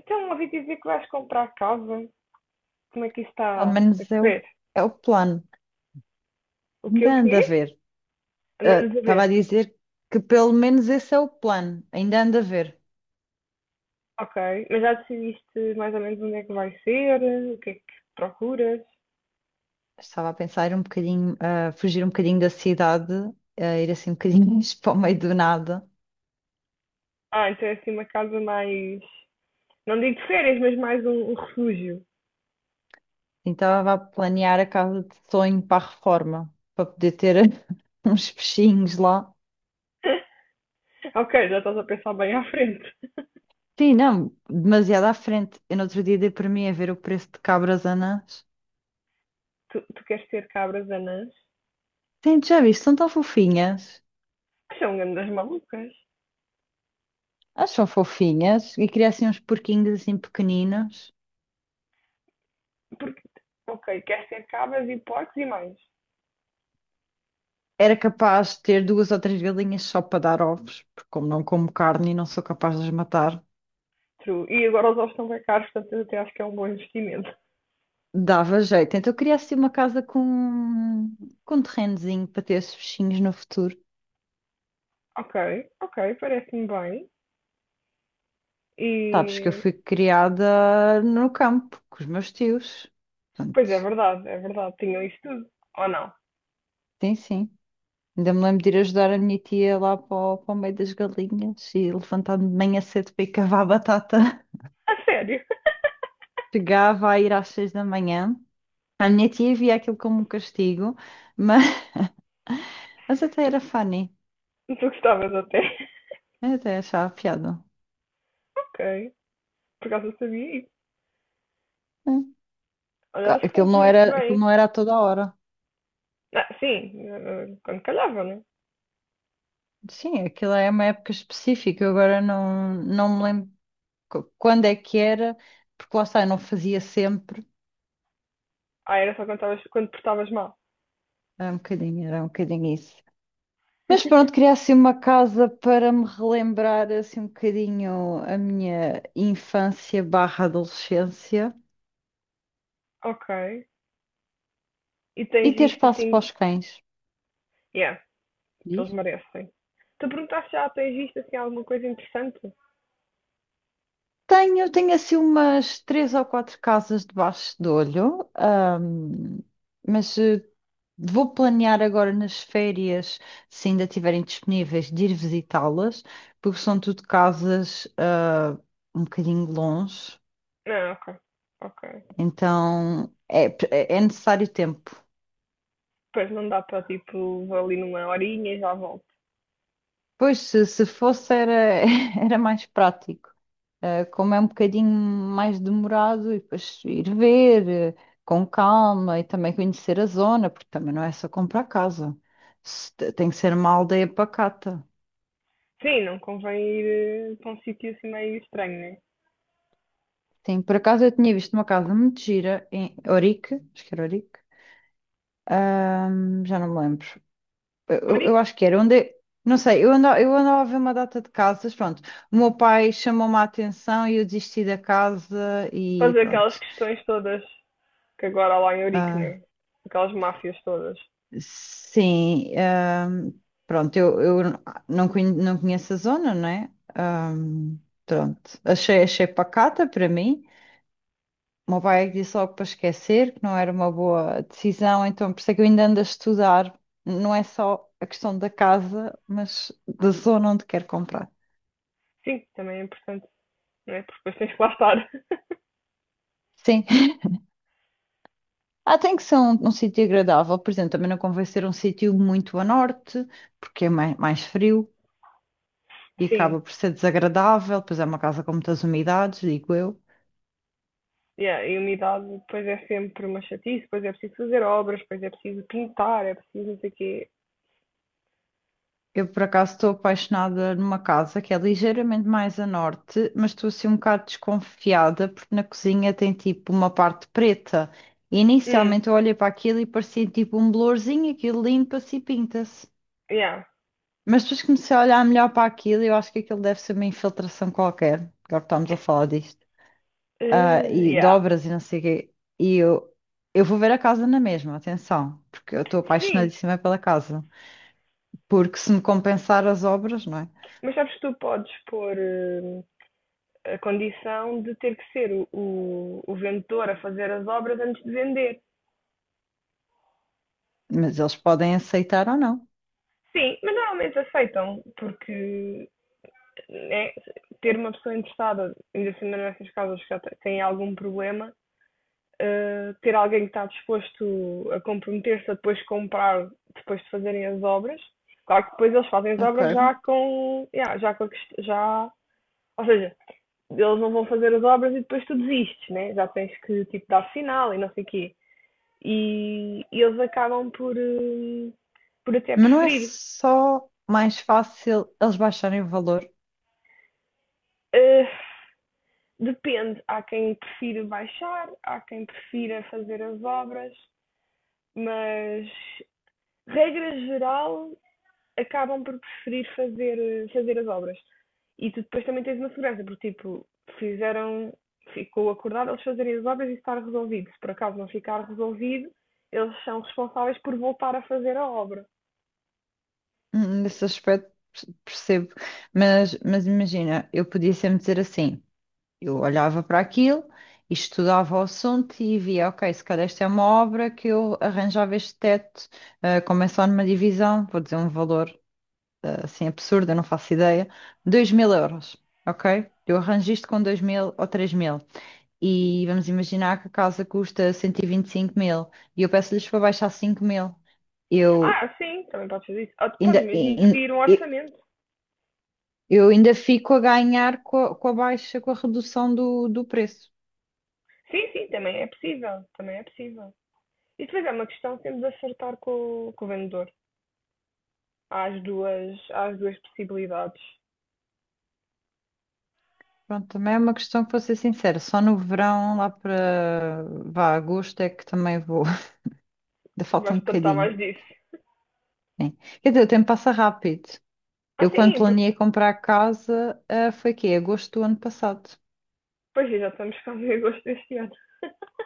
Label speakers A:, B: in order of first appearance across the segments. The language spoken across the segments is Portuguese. A: Então, ouvi dizer que vais comprar casa. Como é que isso
B: Pelo
A: está a
B: menos é o,
A: correr?
B: é o plano.
A: O quê?
B: Ainda
A: O
B: anda a
A: quê?
B: ver.
A: Andamos a
B: Estava
A: ver.
B: a dizer que pelo menos esse é o plano. Ainda anda a ver.
A: Ok, mas já decidiste mais ou menos onde é que vai ser? O que é que procuras?
B: Estava a pensar um bocadinho, a fugir um bocadinho da cidade, a ir assim um bocadinho para o meio do nada.
A: Ah, então é assim uma casa mais. Não digo de férias, mas mais um refúgio.
B: Então estava a planear a casa de sonho para a reforma, para poder ter uns peixinhos lá.
A: Ok, já estás a pensar bem à frente.
B: Sim, não, demasiado à frente. Eu no outro dia dei para mim a ver o preço de cabras anãs.
A: Tu queres ter cabras anãs?
B: Sim, já viste, são tão fofinhas.
A: Que são grandes malucas.
B: Elas são fofinhas e queria assim uns porquinhos assim pequeninos.
A: Ok, queres ter cabras e porcos e mais.
B: Era capaz de ter duas ou três galinhas só para dar ovos, porque como não como carne e não sou capaz de as matar,
A: True. E agora os ovos estão bem caros, portanto eu até acho que é um bom investimento.
B: dava jeito. Então eu queria assim uma casa com um terrenozinho para ter esses bichinhos no futuro.
A: Ok, ok, parece-me bem.
B: Sabes que eu
A: E.
B: fui criada no campo com os meus tios.
A: Pois é
B: Portanto,
A: verdade, é verdade. Tinham isso tudo. Ou não?
B: sim, sim. Ainda me lembro de ir ajudar a minha tia lá para o, para o meio das galinhas e levantar-me de manhã cedo para ir cavar batata.
A: A sério?
B: Chegava a ir às 6 da manhã. A minha tia via aquilo como um castigo, mas, mas até era funny.
A: Tu gostavas até.
B: Eu até achava piada.
A: Ok. Por acaso eu sabia isso.
B: Hum.
A: Olha, elas fazes muito
B: Aquilo
A: bem.
B: não era a toda hora.
A: Ah, sim, quando calhava, né?
B: Sim, aquilo é uma época específica. Eu agora não, não me lembro quando é que era, porque lá está, eu não fazia sempre.
A: Ah, era só quando portavas mal.
B: Era um bocadinho isso. Mas pronto, queria assim uma casa para me relembrar assim um bocadinho a minha infância barra adolescência
A: Ok. E
B: e
A: tens
B: ter
A: visto
B: espaço para
A: assim.
B: os cães.
A: Yeah, eles
B: Diz?
A: merecem. Tu perguntaste já, tens visto assim alguma coisa interessante?
B: Tenho, tenho assim umas três ou quatro casas debaixo de olho, mas vou planear agora nas férias, se ainda estiverem disponíveis, de ir visitá-las, porque são tudo casas, um bocadinho longe,
A: Não, ok. Ok.
B: então é, é necessário tempo.
A: Pois não dá para tipo, vou ali numa horinha e já volto.
B: Pois, se fosse, era, era mais prático. Como é um bocadinho mais demorado, e depois ir ver com calma e também conhecer a zona, porque também não é só comprar casa. Se te- Tem que ser uma aldeia pacata.
A: Sim, não convém ir para um sítio assim meio estranho, né?
B: Sim, por acaso eu tinha visto uma casa muito gira em Orique, acho que era Orique, já não me lembro. Eu
A: Ourique,
B: acho que era onde. Não sei, eu andava a ver uma data de casas, pronto. O meu pai chamou-me a atenção e eu desisti da casa e
A: fazer aquelas
B: pronto.
A: questões todas que agora há lá em Ourique,
B: Ah,
A: né? Aquelas máfias todas.
B: Sim, pronto, eu não, não conheço a zona, não é? Ahm, pronto, achei pacata para mim. O meu pai é que disse logo para esquecer, que não era uma boa decisão, então por isso é que eu ainda ando a estudar. Não é só a questão da casa, mas da zona onde quero comprar.
A: Sim, também é importante, né? Porque depois tens que lá estar.
B: Sim, tem que ser um sítio agradável, por exemplo, também não convém ser um sítio muito a norte, porque é mais, mais frio e
A: Sim,
B: acaba por ser desagradável, pois é uma casa com muitas umidades, digo eu.
A: yeah, e a umidade depois é sempre uma chatice, depois é preciso fazer obras, depois é preciso pintar, é preciso não sei o quê.
B: Eu, por acaso, estou apaixonada numa casa que é ligeiramente mais a norte, mas estou assim um bocado desconfiada porque na cozinha tem tipo uma parte preta. E
A: Hum,
B: inicialmente eu olhei para aquilo e parecia tipo um blorzinho, aquilo limpa-se e pinta-se.
A: yeah.
B: Mas depois comecei a olhar melhor para aquilo e eu acho que aquilo deve ser uma infiltração qualquer. Agora que estamos a falar disto.
A: Eh,
B: E
A: yeah.
B: dobras e não sei o quê. E eu, eu vou ver a casa na mesma, atenção, porque eu estou
A: Sim,
B: apaixonadíssima pela casa. Porque se me compensar as obras, não é?
A: mas sabes que tu podes pôr a condição de ter que ser o vendedor a fazer as obras antes de vender.
B: Mas eles podem aceitar ou não.
A: Sim, mas normalmente aceitam, porque né, ter uma pessoa interessada, ainda assim nessas casas que já te- têm algum problema, ter alguém que está disposto a comprometer-se a depois comprar, depois de fazerem as obras, claro que depois eles fazem as
B: Ok.
A: obras já com, yeah, já com a já, ou seja, eles não vão fazer as obras e depois tu desistes, né? Já tens que tipo dar sinal e não sei o quê. E eles acabam por até
B: Mas não é
A: preferir.
B: só mais fácil eles baixarem o valor.
A: Eh, Depende, há quem prefira baixar, há quem prefira fazer as obras, mas regra geral acabam por preferir fazer as obras. E tu depois também tens uma segurança, porque tipo, fizeram, ficou acordado eles fazerem as obras e estar resolvido. Se por acaso não ficar resolvido, eles são responsáveis por voltar a fazer a obra.
B: Percebo. Mas imagina, eu podia sempre dizer assim: eu olhava para aquilo, estudava o assunto e via, ok, se calhar esta é uma obra que eu arranjava este teto, como é só numa divisão, vou dizer um valor assim absurdo, eu não faço ideia, 2000 euros, ok? Eu arranjo isto com 2000 ou 3000. E vamos imaginar que a casa custa 125 mil e eu peço-lhes para baixar 5 mil. Eu
A: Ah, sim, também podes fazer isso. Ou tu
B: ainda,
A: podes mesmo
B: in-
A: pedir um
B: in-
A: orçamento.
B: eu ainda fico a ganhar com a, baixa, com a redução do, do preço.
A: Sim, sim, também é possível, também é possível. E depois é uma questão de temos de acertar com o vendedor. Há as duas possibilidades.
B: Pronto, também é uma questão que vou ser sincera, só no verão, lá para vá, agosto é que também vou, ainda falta um
A: Vais tratar
B: bocadinho.
A: mais disso.
B: Né? Quer dizer, o tempo passa rápido.
A: Ah,
B: Eu quando
A: sim, porque
B: planeei comprar casa, foi quê? Agosto do ano passado.
A: pois é, já estamos com o agosto deste ano.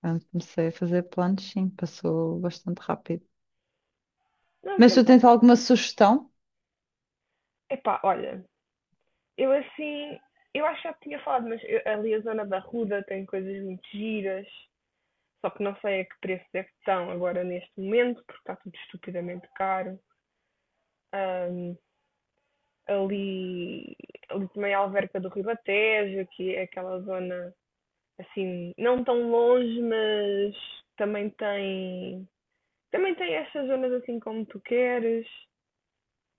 B: Quando comecei a fazer planos, sim, passou bastante rápido.
A: Não, o
B: Mas tu
A: tempo
B: tens
A: passa.
B: alguma sugestão?
A: Epá, olha, eu assim, eu acho que já tinha falado, mas ali a zona da Ruda tem coisas muito giras, só que não sei a que preço é que estão agora neste momento, porque está tudo estupidamente caro. Ahm, ali, ali também a Alverca do Ribatejo, que é aquela zona assim, não tão longe, mas também tem, também tem estas zonas assim como tu queres.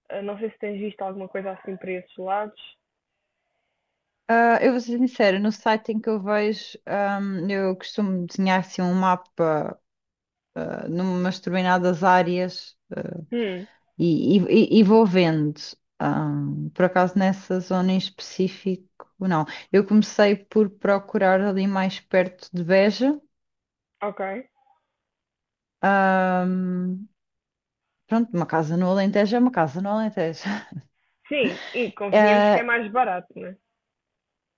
A: Ah, não sei se tens visto alguma coisa assim para esses lados.
B: Eu vou ser sincera, no site em que eu vejo, eu costumo desenhar assim um mapa, numas determinadas áreas,
A: Hum,
B: e, e vou vendo. Por acaso nessa zona em específico, não. Eu comecei por procurar ali mais perto de Beja.
A: ok.
B: Ahm, pronto, uma casa no Alentejo é uma casa no Alentejo.
A: Sim, e convenhamos que é mais barato, né?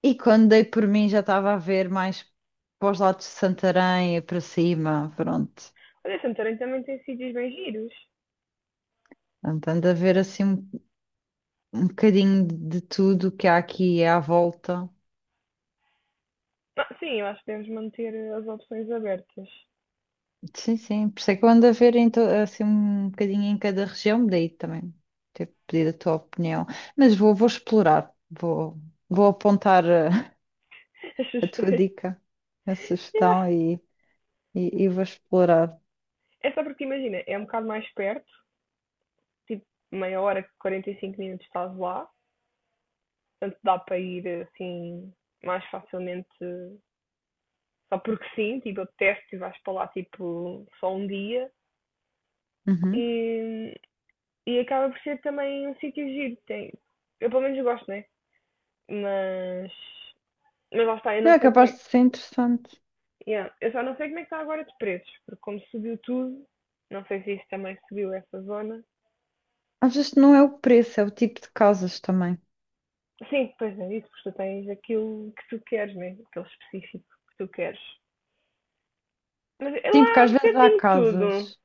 B: E quando dei por mim já estava a ver mais para os lados de Santarém e para cima, pronto.
A: Olha, Santarém também tem sítios bem giros.
B: Portanto, ando a ver assim um bocadinho de tudo que há aqui à volta.
A: Ah, sim, eu acho que devemos manter as opções abertas.
B: Sim, sim, por isso é que eu ando a ver em assim um bocadinho em cada região, daí também ter pedido a tua opinião. Mas vou explorar, vou apontar
A: As
B: a, tua
A: sugestões.
B: dica, a
A: Yeah.
B: sugestão e, e vou explorar.
A: É só porque, imagina, é um bocado mais perto, tipo meia hora, 45 minutos estás lá. Portanto, dá para ir assim mais facilmente só porque sim, tipo, apetece e vais para lá tipo só um dia
B: Uhum.
A: e, e acaba por ser também um sítio giro. Tem, eu pelo menos gosto, né? Mas, mas lá está, eu
B: Não,
A: não
B: é
A: sei como é
B: capaz
A: que.
B: de ser interessante.
A: Yeah, eu só não sei como é que está agora de preços, porque como subiu tudo, não sei se isso também subiu essa zona.
B: Às vezes não é o preço, é o tipo de casas também.
A: Sim, pois é, isso, porque tu tens aquilo que tu queres, né? Aquele específico que tu queres. Mas é
B: Sim, porque
A: lá
B: às
A: um
B: vezes há
A: bocadinho tudo.
B: casas.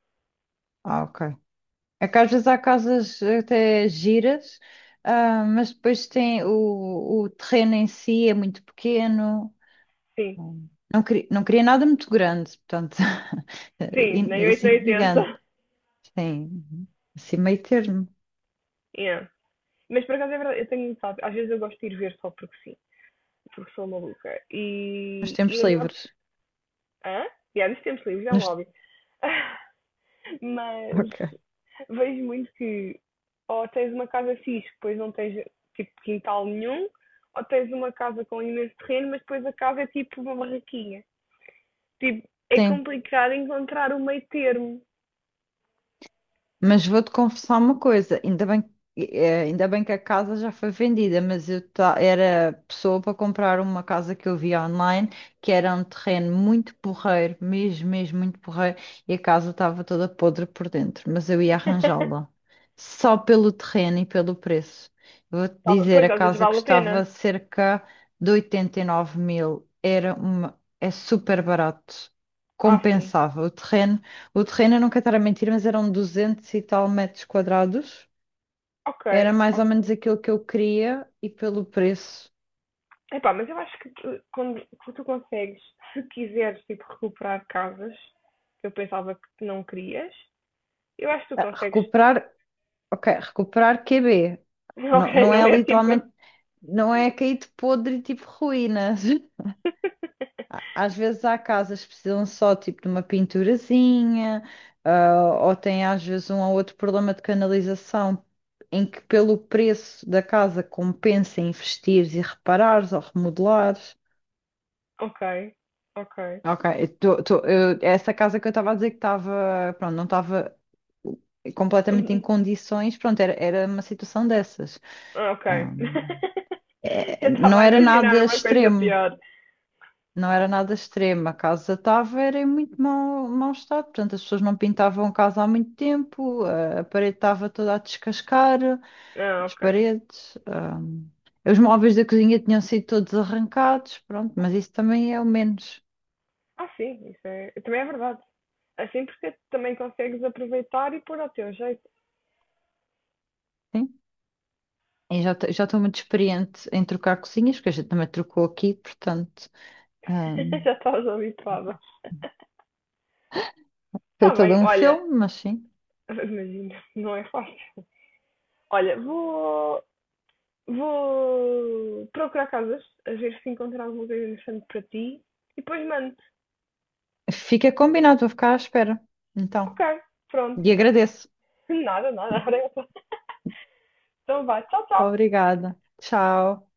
B: Ah, ok. É que às vezes há casas até giras, mas depois tem o terreno em si é muito pequeno.
A: Sim,
B: Hum. Não queria nada muito grande, portanto,
A: sim, nem 8 nem
B: assim gigante.
A: 80.
B: Sim, assim meio termo,
A: Yeah. Mas por acaso é verdade, eu tenho, sabe, às vezes eu gosto de ir ver só porque sim, porque sou maluca.
B: nos
A: E
B: tempos
A: eu noto.
B: livres.
A: Hã? Yeah, dos tempos livres, é um
B: Nos...
A: hobby. Mas
B: Ok.
A: vejo muito que ou tens uma casa fixe, depois não tens tipo quintal nenhum, ou tens uma casa com imenso terreno, mas depois a casa é tipo uma barraquinha. Tipo, é
B: Sim.
A: complicado encontrar o meio termo.
B: Mas vou-te confessar uma coisa, ainda bem, ainda bem que a casa já foi vendida, mas era pessoa para comprar uma casa que eu via online, que era um terreno muito porreiro, mesmo, mesmo muito porreiro, e a casa estava toda podre por dentro, mas eu ia arranjá-la, só pelo terreno e pelo preço. Vou-te
A: Tá
B: dizer,
A: pois,
B: a
A: às vezes
B: casa
A: vale a
B: custava
A: pena.
B: cerca de 89 mil, era uma, é super barato,
A: Ah, sim.
B: compensava o terreno, eu não quero estar a mentir, mas eram 200 e tal metros quadrados.
A: Ok,
B: Era mais ou menos aquilo que eu queria e pelo preço.
A: epá, mas eu acho que tu, quando tu consegues, se quiseres tipo, recuperar casas que eu pensava que tu não querias, eu acho que tu consegues.
B: Recuperar, ok, recuperar QB.
A: Ok,
B: Não, não
A: não
B: é
A: é tipo.
B: literalmente, não é caído podre tipo ruínas. Às vezes há casas que precisam só tipo de uma pinturazinha, ou tem às vezes um ou outro problema de canalização em que pelo preço da casa compensa investires e reparares ou remodelares.
A: Ok, ok.
B: Ok, eu tô- tô- eu- essa casa que eu estava a dizer que estava, pronto, não estava completamente em condições, pronto, era uma situação dessas.
A: Ok.
B: Ah,
A: Eu estava
B: não
A: a
B: era
A: imaginar
B: nada
A: uma coisa
B: extremo,
A: pior.
B: não era nada extremo. A casa estava era em muito mau, mau estado, portanto, as pessoas não pintavam a casa há muito tempo, a parede estava toda a descascar,
A: Ah,
B: as
A: ok.
B: paredes. Os móveis da cozinha tinham sido todos arrancados, pronto, mas isso também é o menos.
A: Ah, sim, isso é. Também é verdade. Assim porque também consegues aproveitar e pôr ao teu jeito.
B: Sim. Eu já já estou muito experiente em trocar cozinhas, porque a gente também trocou aqui, portanto, ahm,
A: Já estás habituada.
B: foi
A: Está
B: todo
A: bem,
B: um
A: olha,
B: filme, mas sim.
A: imagina, não é fácil. Olha, vou procurar casas, a ver se encontro alguma coisa interessante para ti e depois mando.
B: Fica combinado, vou ficar à espera.
A: Ok,
B: Então,
A: pronto.
B: e agradeço.
A: Nada, nada. Então vai, tchau, tchau.
B: Obrigada. Tchau.